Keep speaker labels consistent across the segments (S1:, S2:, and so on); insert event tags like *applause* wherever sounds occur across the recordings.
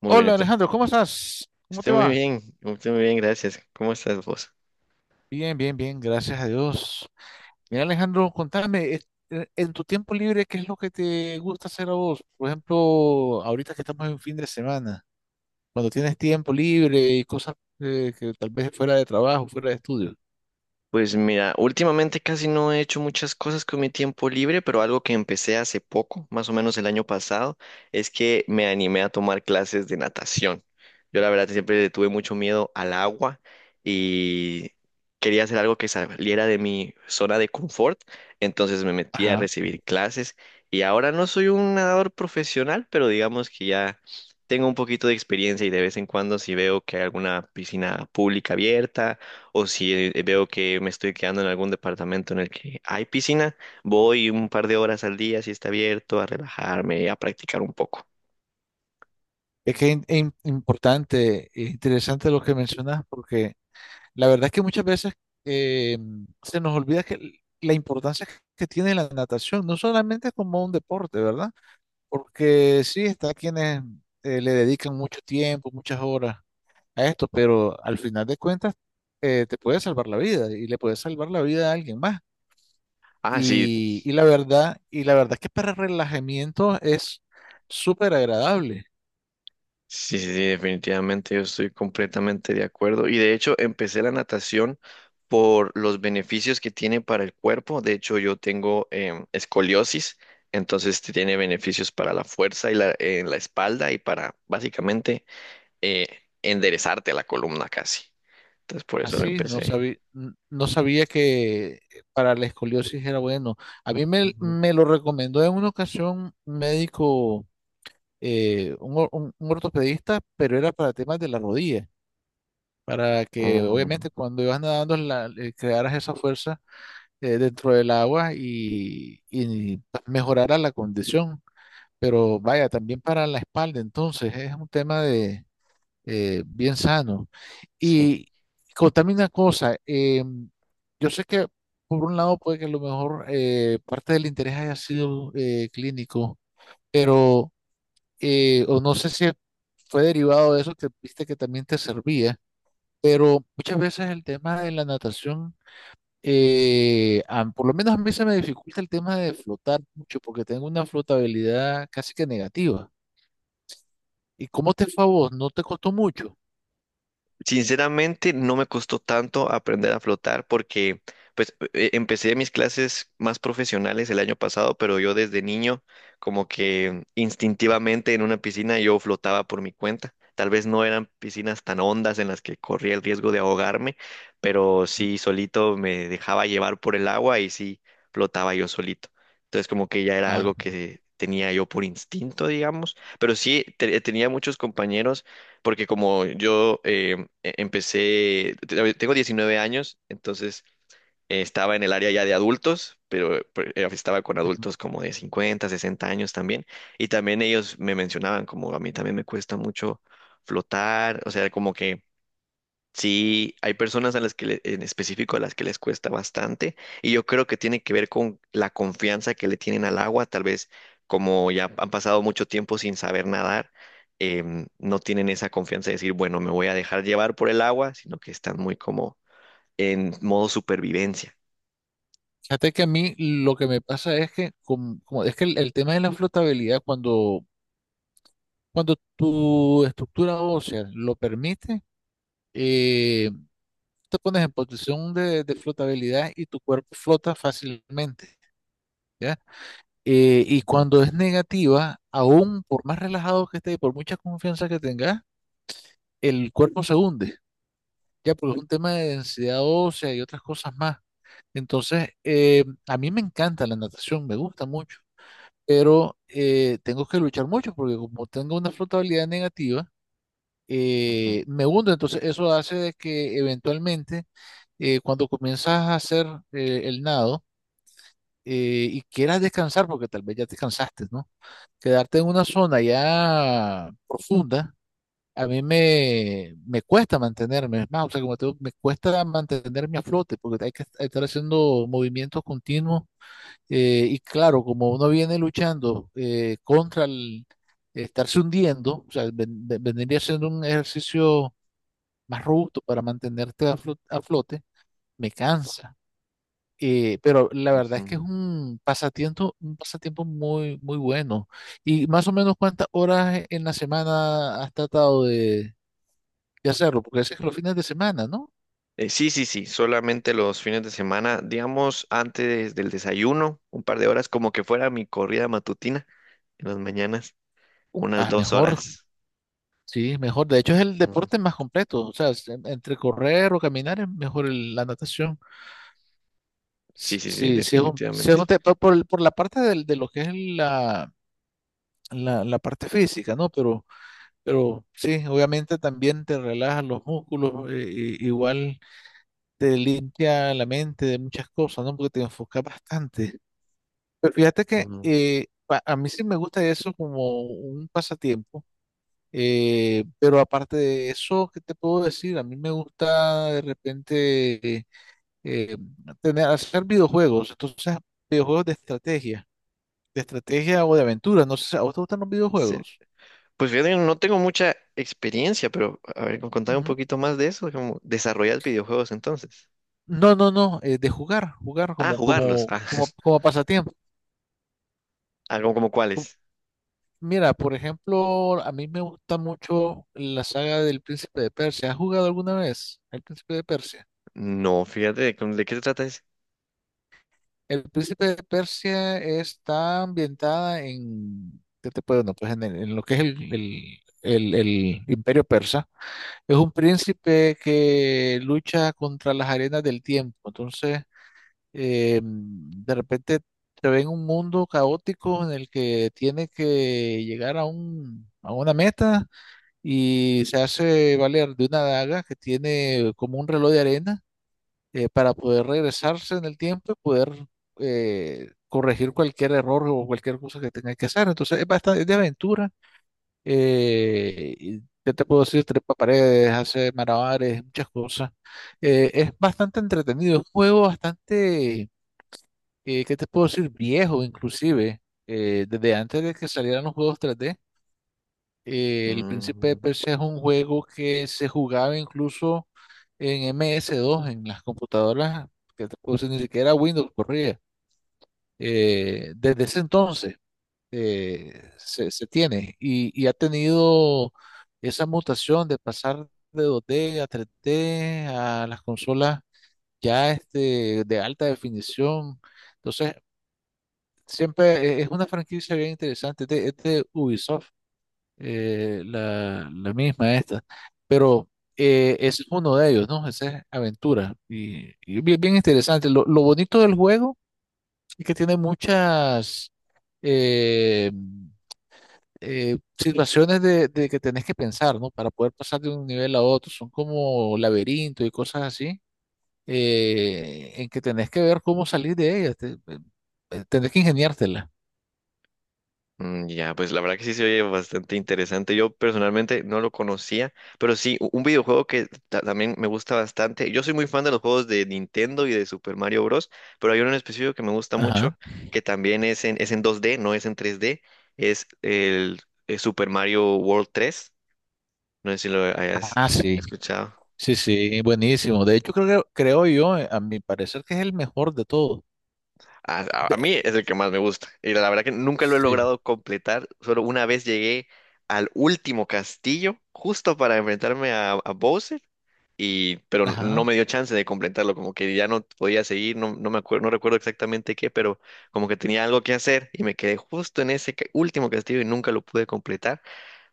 S1: Muy bien,
S2: Hola
S1: entonces.
S2: Alejandro, ¿cómo estás? ¿Cómo te va?
S1: Estoy muy bien, gracias. ¿Cómo estás vos?
S2: Bien, bien, bien, gracias a Dios. Mira Alejandro, contame, en tu tiempo libre, ¿qué es lo que te gusta hacer a vos? Por ejemplo, ahorita que estamos en fin de semana, cuando tienes tiempo libre y cosas, que tal vez fuera de trabajo, fuera de estudio.
S1: Pues mira, últimamente casi no he hecho muchas cosas con mi tiempo libre, pero algo que empecé hace poco, más o menos el año pasado, es que me animé a tomar clases de natación. Yo la verdad siempre le tuve mucho miedo al agua y quería hacer algo que saliera de mi zona de confort, entonces me metí a
S2: Ajá.
S1: recibir clases y ahora no soy un nadador profesional, pero digamos que ya tengo un poquito de experiencia y de vez en cuando si veo que hay alguna piscina pública abierta o si veo que me estoy quedando en algún departamento en el que hay piscina, voy un par de horas al día si está abierto a relajarme, a practicar un poco.
S2: Es que es importante e interesante lo que mencionas, porque la verdad es que muchas veces eh, se nos olvida que la importancia que tiene la natación, no solamente como un deporte, ¿verdad? Porque sí, está quienes le dedican mucho tiempo, muchas horas a esto, pero al final de cuentas, te puede salvar la vida y le puede salvar la vida a alguien más.
S1: Ah, sí,
S2: Y la verdad, y la verdad es que para relajamiento es súper agradable.
S1: sí, sí, sí, definitivamente yo estoy completamente de acuerdo. Y de hecho empecé la natación por los beneficios que tiene para el cuerpo. De hecho yo tengo escoliosis, entonces tiene beneficios para la fuerza y la, en la espalda y para básicamente eh, enderezarte la columna casi. Entonces por eso lo
S2: Así, no
S1: empecé.
S2: sabía, no sabía que para la escoliosis era bueno. A mí me lo recomendó en una ocasión un médico, un ortopedista, pero era para temas de la rodilla. Para que
S1: Oh,
S2: obviamente cuando ibas nadando crearas esa fuerza dentro del agua y pues mejorara la condición. Pero vaya, también para la espalda, entonces es un tema de bien sano.
S1: sí.
S2: Y contame una cosa. Yo sé que por un lado puede que a lo mejor, parte del interés haya sido, clínico, pero, o no sé si fue derivado de eso, que viste que también te servía, pero muchas veces el tema de la natación, por lo menos a mí se me dificulta el tema de flotar mucho, porque tengo una flotabilidad casi que negativa. ¿Y cómo te fue a vos? ¿No te costó mucho?
S1: Sinceramente, no me costó tanto aprender a flotar porque pues empecé mis clases más profesionales el año pasado, pero yo desde niño como que instintivamente en una piscina yo flotaba por mi cuenta. Tal vez no eran piscinas tan hondas en las que corría el riesgo de ahogarme, pero
S2: Mm.
S1: sí solito me dejaba llevar por el agua y sí flotaba yo solito. Entonces como que ya era
S2: Ah.
S1: algo que tenía yo por instinto, digamos, pero sí tenía muchos compañeros porque como yo empecé, tengo 19 años, entonces estaba en el área ya de adultos, pero, estaba con
S2: Ujú.
S1: adultos como de 50, 60 años también, y también ellos me mencionaban como a mí también me cuesta mucho flotar, o sea, como que sí, hay personas a las que en específico a las que les cuesta bastante y yo creo que tiene que ver con la confianza que le tienen al agua, tal vez como ya han pasado mucho tiempo sin saber nadar, no tienen esa confianza de decir, bueno, me voy a dejar llevar por el agua, sino que están muy como en modo supervivencia.
S2: Fíjate que a mí lo que me pasa es que, es que el tema de la flotabilidad, cuando, cuando tu estructura ósea lo permite, eh, te pones en posición de flotabilidad y tu cuerpo flota fácilmente. ¿Ya? Y
S1: Ujú,
S2: cuando es negativa, aún por más relajado que esté y por mucha confianza que tengas, el cuerpo se hunde, ya porque es un tema de densidad ósea y otras cosas más. Entonces, a mí me encanta la natación, me gusta mucho, pero, tengo que luchar mucho porque como tengo una flotabilidad negativa,
S1: ujú,
S2: me hundo. Entonces, eso hace de que eventualmente, cuando comienzas a hacer, el nado, y quieras descansar, porque tal vez ya te cansaste, ¿no? Quedarte en una zona ya profunda, a mí me cuesta mantenerme, es más, o sea, como te digo, me cuesta mantenerme a flote porque hay que estar haciendo movimientos continuos, y claro, como uno viene luchando, contra el estarse hundiendo, o sea, vendría siendo un ejercicio más robusto para mantenerte a a flote, me cansa. Pero la verdad es que
S1: ujú.
S2: es un pasatiempo muy, muy bueno. ¿Y más o menos cuántas horas en la semana has tratado de hacerlo? Porque ese es los fines de semana, ¿no?
S1: Sí, sí, sí, solamente los fines de semana, digamos antes del desayuno, un par de horas, como que fuera mi corrida matutina en las mañanas, unas
S2: Ah,
S1: dos
S2: mejor,
S1: horas.
S2: sí, mejor. De hecho, es el
S1: Ujú,
S2: deporte más completo. O sea, es entre correr o caminar es mejor la natación.
S1: sí, sí, sí,
S2: Sí, sí es
S1: definitivamente.
S2: un por, por la parte de lo que es la, la, la parte física, ¿no? Pero sí, obviamente también te relajas los músculos, igual. Te limpia la mente de muchas cosas, ¿no? Porque te enfoca bastante. Pero fíjate que,
S1: Ujú.
S2: a mí sí me gusta eso como un pasatiempo, pero aparte de eso, ¿qué te puedo decir? A mí me gusta de repente, eh, hacer videojuegos, entonces videojuegos de estrategia o de aventura, no sé, si ¿a vos te gustan los
S1: Sí.
S2: videojuegos?
S1: Pues fíjate, que no tengo mucha experiencia, pero a ver, contame un
S2: Ujú.
S1: poquito más de eso, como desarrollar videojuegos entonces.
S2: No, no, no, de jugar, jugar
S1: Ah,
S2: como,
S1: jugarlos. Ah, *laughs*
S2: como pasatiempo.
S1: ah, como, como cuáles.
S2: Mira, por ejemplo, a mí me gusta mucho la saga del Príncipe de Persia. ¿Has jugado alguna vez El Príncipe de Persia?
S1: No, fíjate, ¿de, ¿cómo- ¿de qué se trata ese?
S2: El Príncipe de Persia está ambientada en, ¿qué te puedo? No, pues en, en lo que es el, el Imperio Persa. Es un príncipe que lucha contra las arenas del tiempo. Entonces, de repente se ve en un mundo caótico en el que tiene que llegar a un, a una meta, y se hace valer de una daga que tiene como un reloj de arena, para poder regresarse en el tiempo y poder, corregir cualquier error o cualquier cosa que tenga que hacer. Entonces es bastante, es de aventura. Y ¿qué te puedo decir? Trepa paredes, hace malabares, muchas cosas. Es bastante entretenido, es un juego bastante, ¿qué te puedo decir? Viejo inclusive, desde antes de que salieran los juegos 3D. El Príncipe de Persia es un juego que se jugaba incluso en ms dos en las computadoras, que te puse, ni siquiera Windows corría. Desde ese entonces, se tiene y ha tenido esa mutación de pasar de 2D a 3D a las consolas ya este, de alta definición. Entonces, siempre es una franquicia bien interesante. Es de Ubisoft, la misma esta. Pero, ese es uno de ellos, ¿no? Esa es aventura. Y bien, bien interesante. Lo bonito del juego es que tiene muchas, eh, situaciones de que tenés que pensar, ¿no? Para poder pasar de un nivel a otro. Son como laberintos y cosas así, en que tenés que ver cómo salir de ellas. Tenés que ingeniártela.
S1: Mm, ya, pues la verdad que sí se oye bastante interesante. Yo personalmente no lo conocía, pero sí, un videojuego que también me gusta bastante. Yo soy muy fan de los juegos de Nintendo y de Super Mario Bros., pero hay uno en específico que me gusta mucho,
S2: Ajá.
S1: que también es en 2D, no es en 3D, es el Super Mario World 3. No sé si lo hayas
S2: Ah, sí.
S1: escuchado.
S2: Sí, sí, buenísimo. De hecho, creo que, creo yo, a mi parecer, que es el mejor de todos.
S1: A, a mí
S2: De-
S1: es el que más me gusta. Y la verdad que nunca lo he
S2: sí,
S1: logrado completar. Solo una vez llegué al último castillo, justo para enfrentarme a Bowser y pero no
S2: ajá.
S1: me dio chance de completarlo, como que ya no podía seguir, no, no me acuerdo, no recuerdo exactamente qué, pero como que tenía algo que hacer y me quedé justo en ese último castillo y nunca lo pude completar,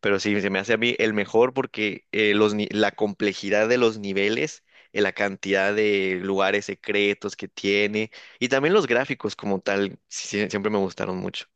S1: pero sí, se me hace a mí el mejor porque los, la complejidad de los niveles, la cantidad de lugares secretos que tiene y también los gráficos como tal, sí, sí, siempre me gustaron mucho.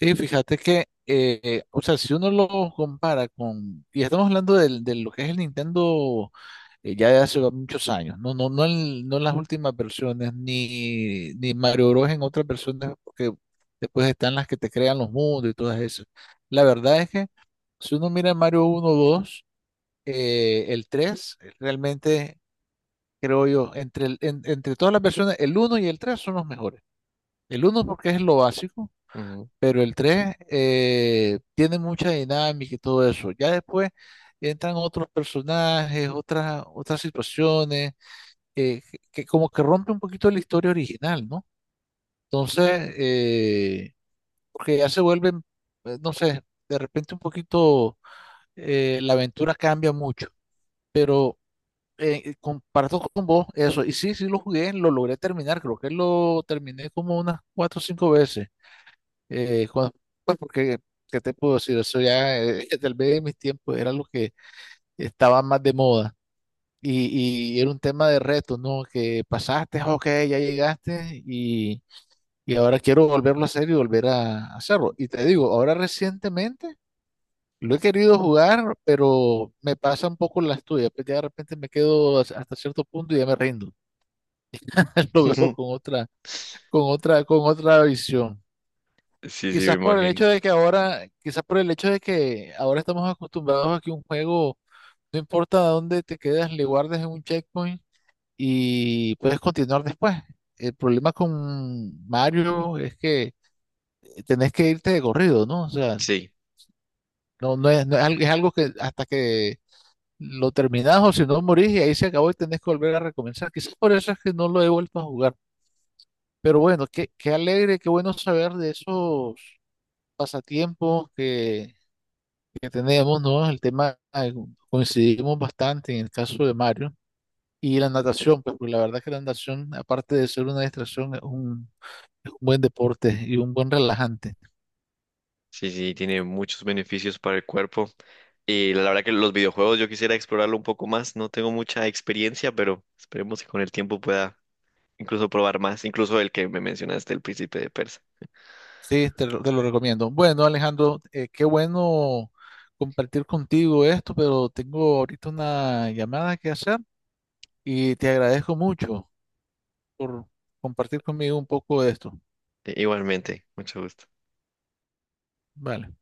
S2: Sí, fíjate que, o sea, si uno lo compara con, y estamos hablando de lo que es el Nintendo, ya de hace muchos años, no, no, no, en, no en las últimas versiones, ni, ni Mario Bros. En otras versiones, porque después están las que te crean los mundos y todas esas. La verdad es que si uno mira Mario uno, 2, el 3, realmente creo yo, entre todas las versiones, el uno y el tres son los mejores. El uno porque es lo básico,
S1: Ujú.
S2: pero el tres, tiene mucha dinámica y todo eso. Ya después entran otros personajes, otras situaciones, que como que rompe un poquito la historia original, ¿no? Entonces, porque ya se vuelven, no sé, de repente un poquito, la aventura cambia mucho. Pero, comparto con vos eso. Y sí, sí lo jugué, lo logré terminar. Creo que lo terminé como unas cuatro o cinco veces. Eh, cuan- pues porque, ¿qué te puedo decir? Eso ya, *laughs* tal vez en mis tiempos era lo que estaba más de moda. Y era un tema de reto, ¿no? Que pasaste, ok, ya llegaste y ahora quiero volverlo a hacer y volver a hacerlo. Y te digo, ahora recientemente lo he querido jugar, pero me pasa un poco las tuyas. Pues ya de repente me quedo hasta cierto punto y ya me rindo. *laughs* Lo veo
S1: *laughs*
S2: con otra, con otra visión.
S1: Sí, sí, me
S2: Quizás por el
S1: imagino.
S2: hecho de que ahora, quizás por el hecho de que ahora estamos acostumbrados a que un juego, no importa a dónde te quedas, le guardes en un checkpoint y puedes continuar después. El problema con Mario es que tenés que irte de corrido, ¿no? O sea,
S1: Sí.
S2: no, no es algo, es algo que hasta que lo terminás, o si no morís y ahí se acabó y tenés que volver a recomenzar. Quizás por eso es que no lo he vuelto a jugar. Pero bueno, qué, qué alegre, qué bueno saber de esos pasatiempos que tenemos, ¿no? El tema, coincidimos bastante en el caso de Mario y la natación, pues, porque la verdad que la natación, aparte de ser una distracción, es un buen deporte y un buen relajante.
S1: Sí, sí, tiene muchos beneficios para el cuerpo. Y la verdad que los videojuegos yo quisiera explorarlo un poco más. No tengo mucha experiencia, pero esperemos que con el tiempo pueda incluso probar más, incluso el que me mencionaste, el Príncipe de Persa.
S2: Sí, te lo recomiendo. Bueno, Alejandro, qué bueno compartir contigo esto, pero tengo ahorita una llamada que hacer y te agradezco mucho por compartir conmigo un poco de esto.
S1: Igualmente, mucho gusto.
S2: Vale.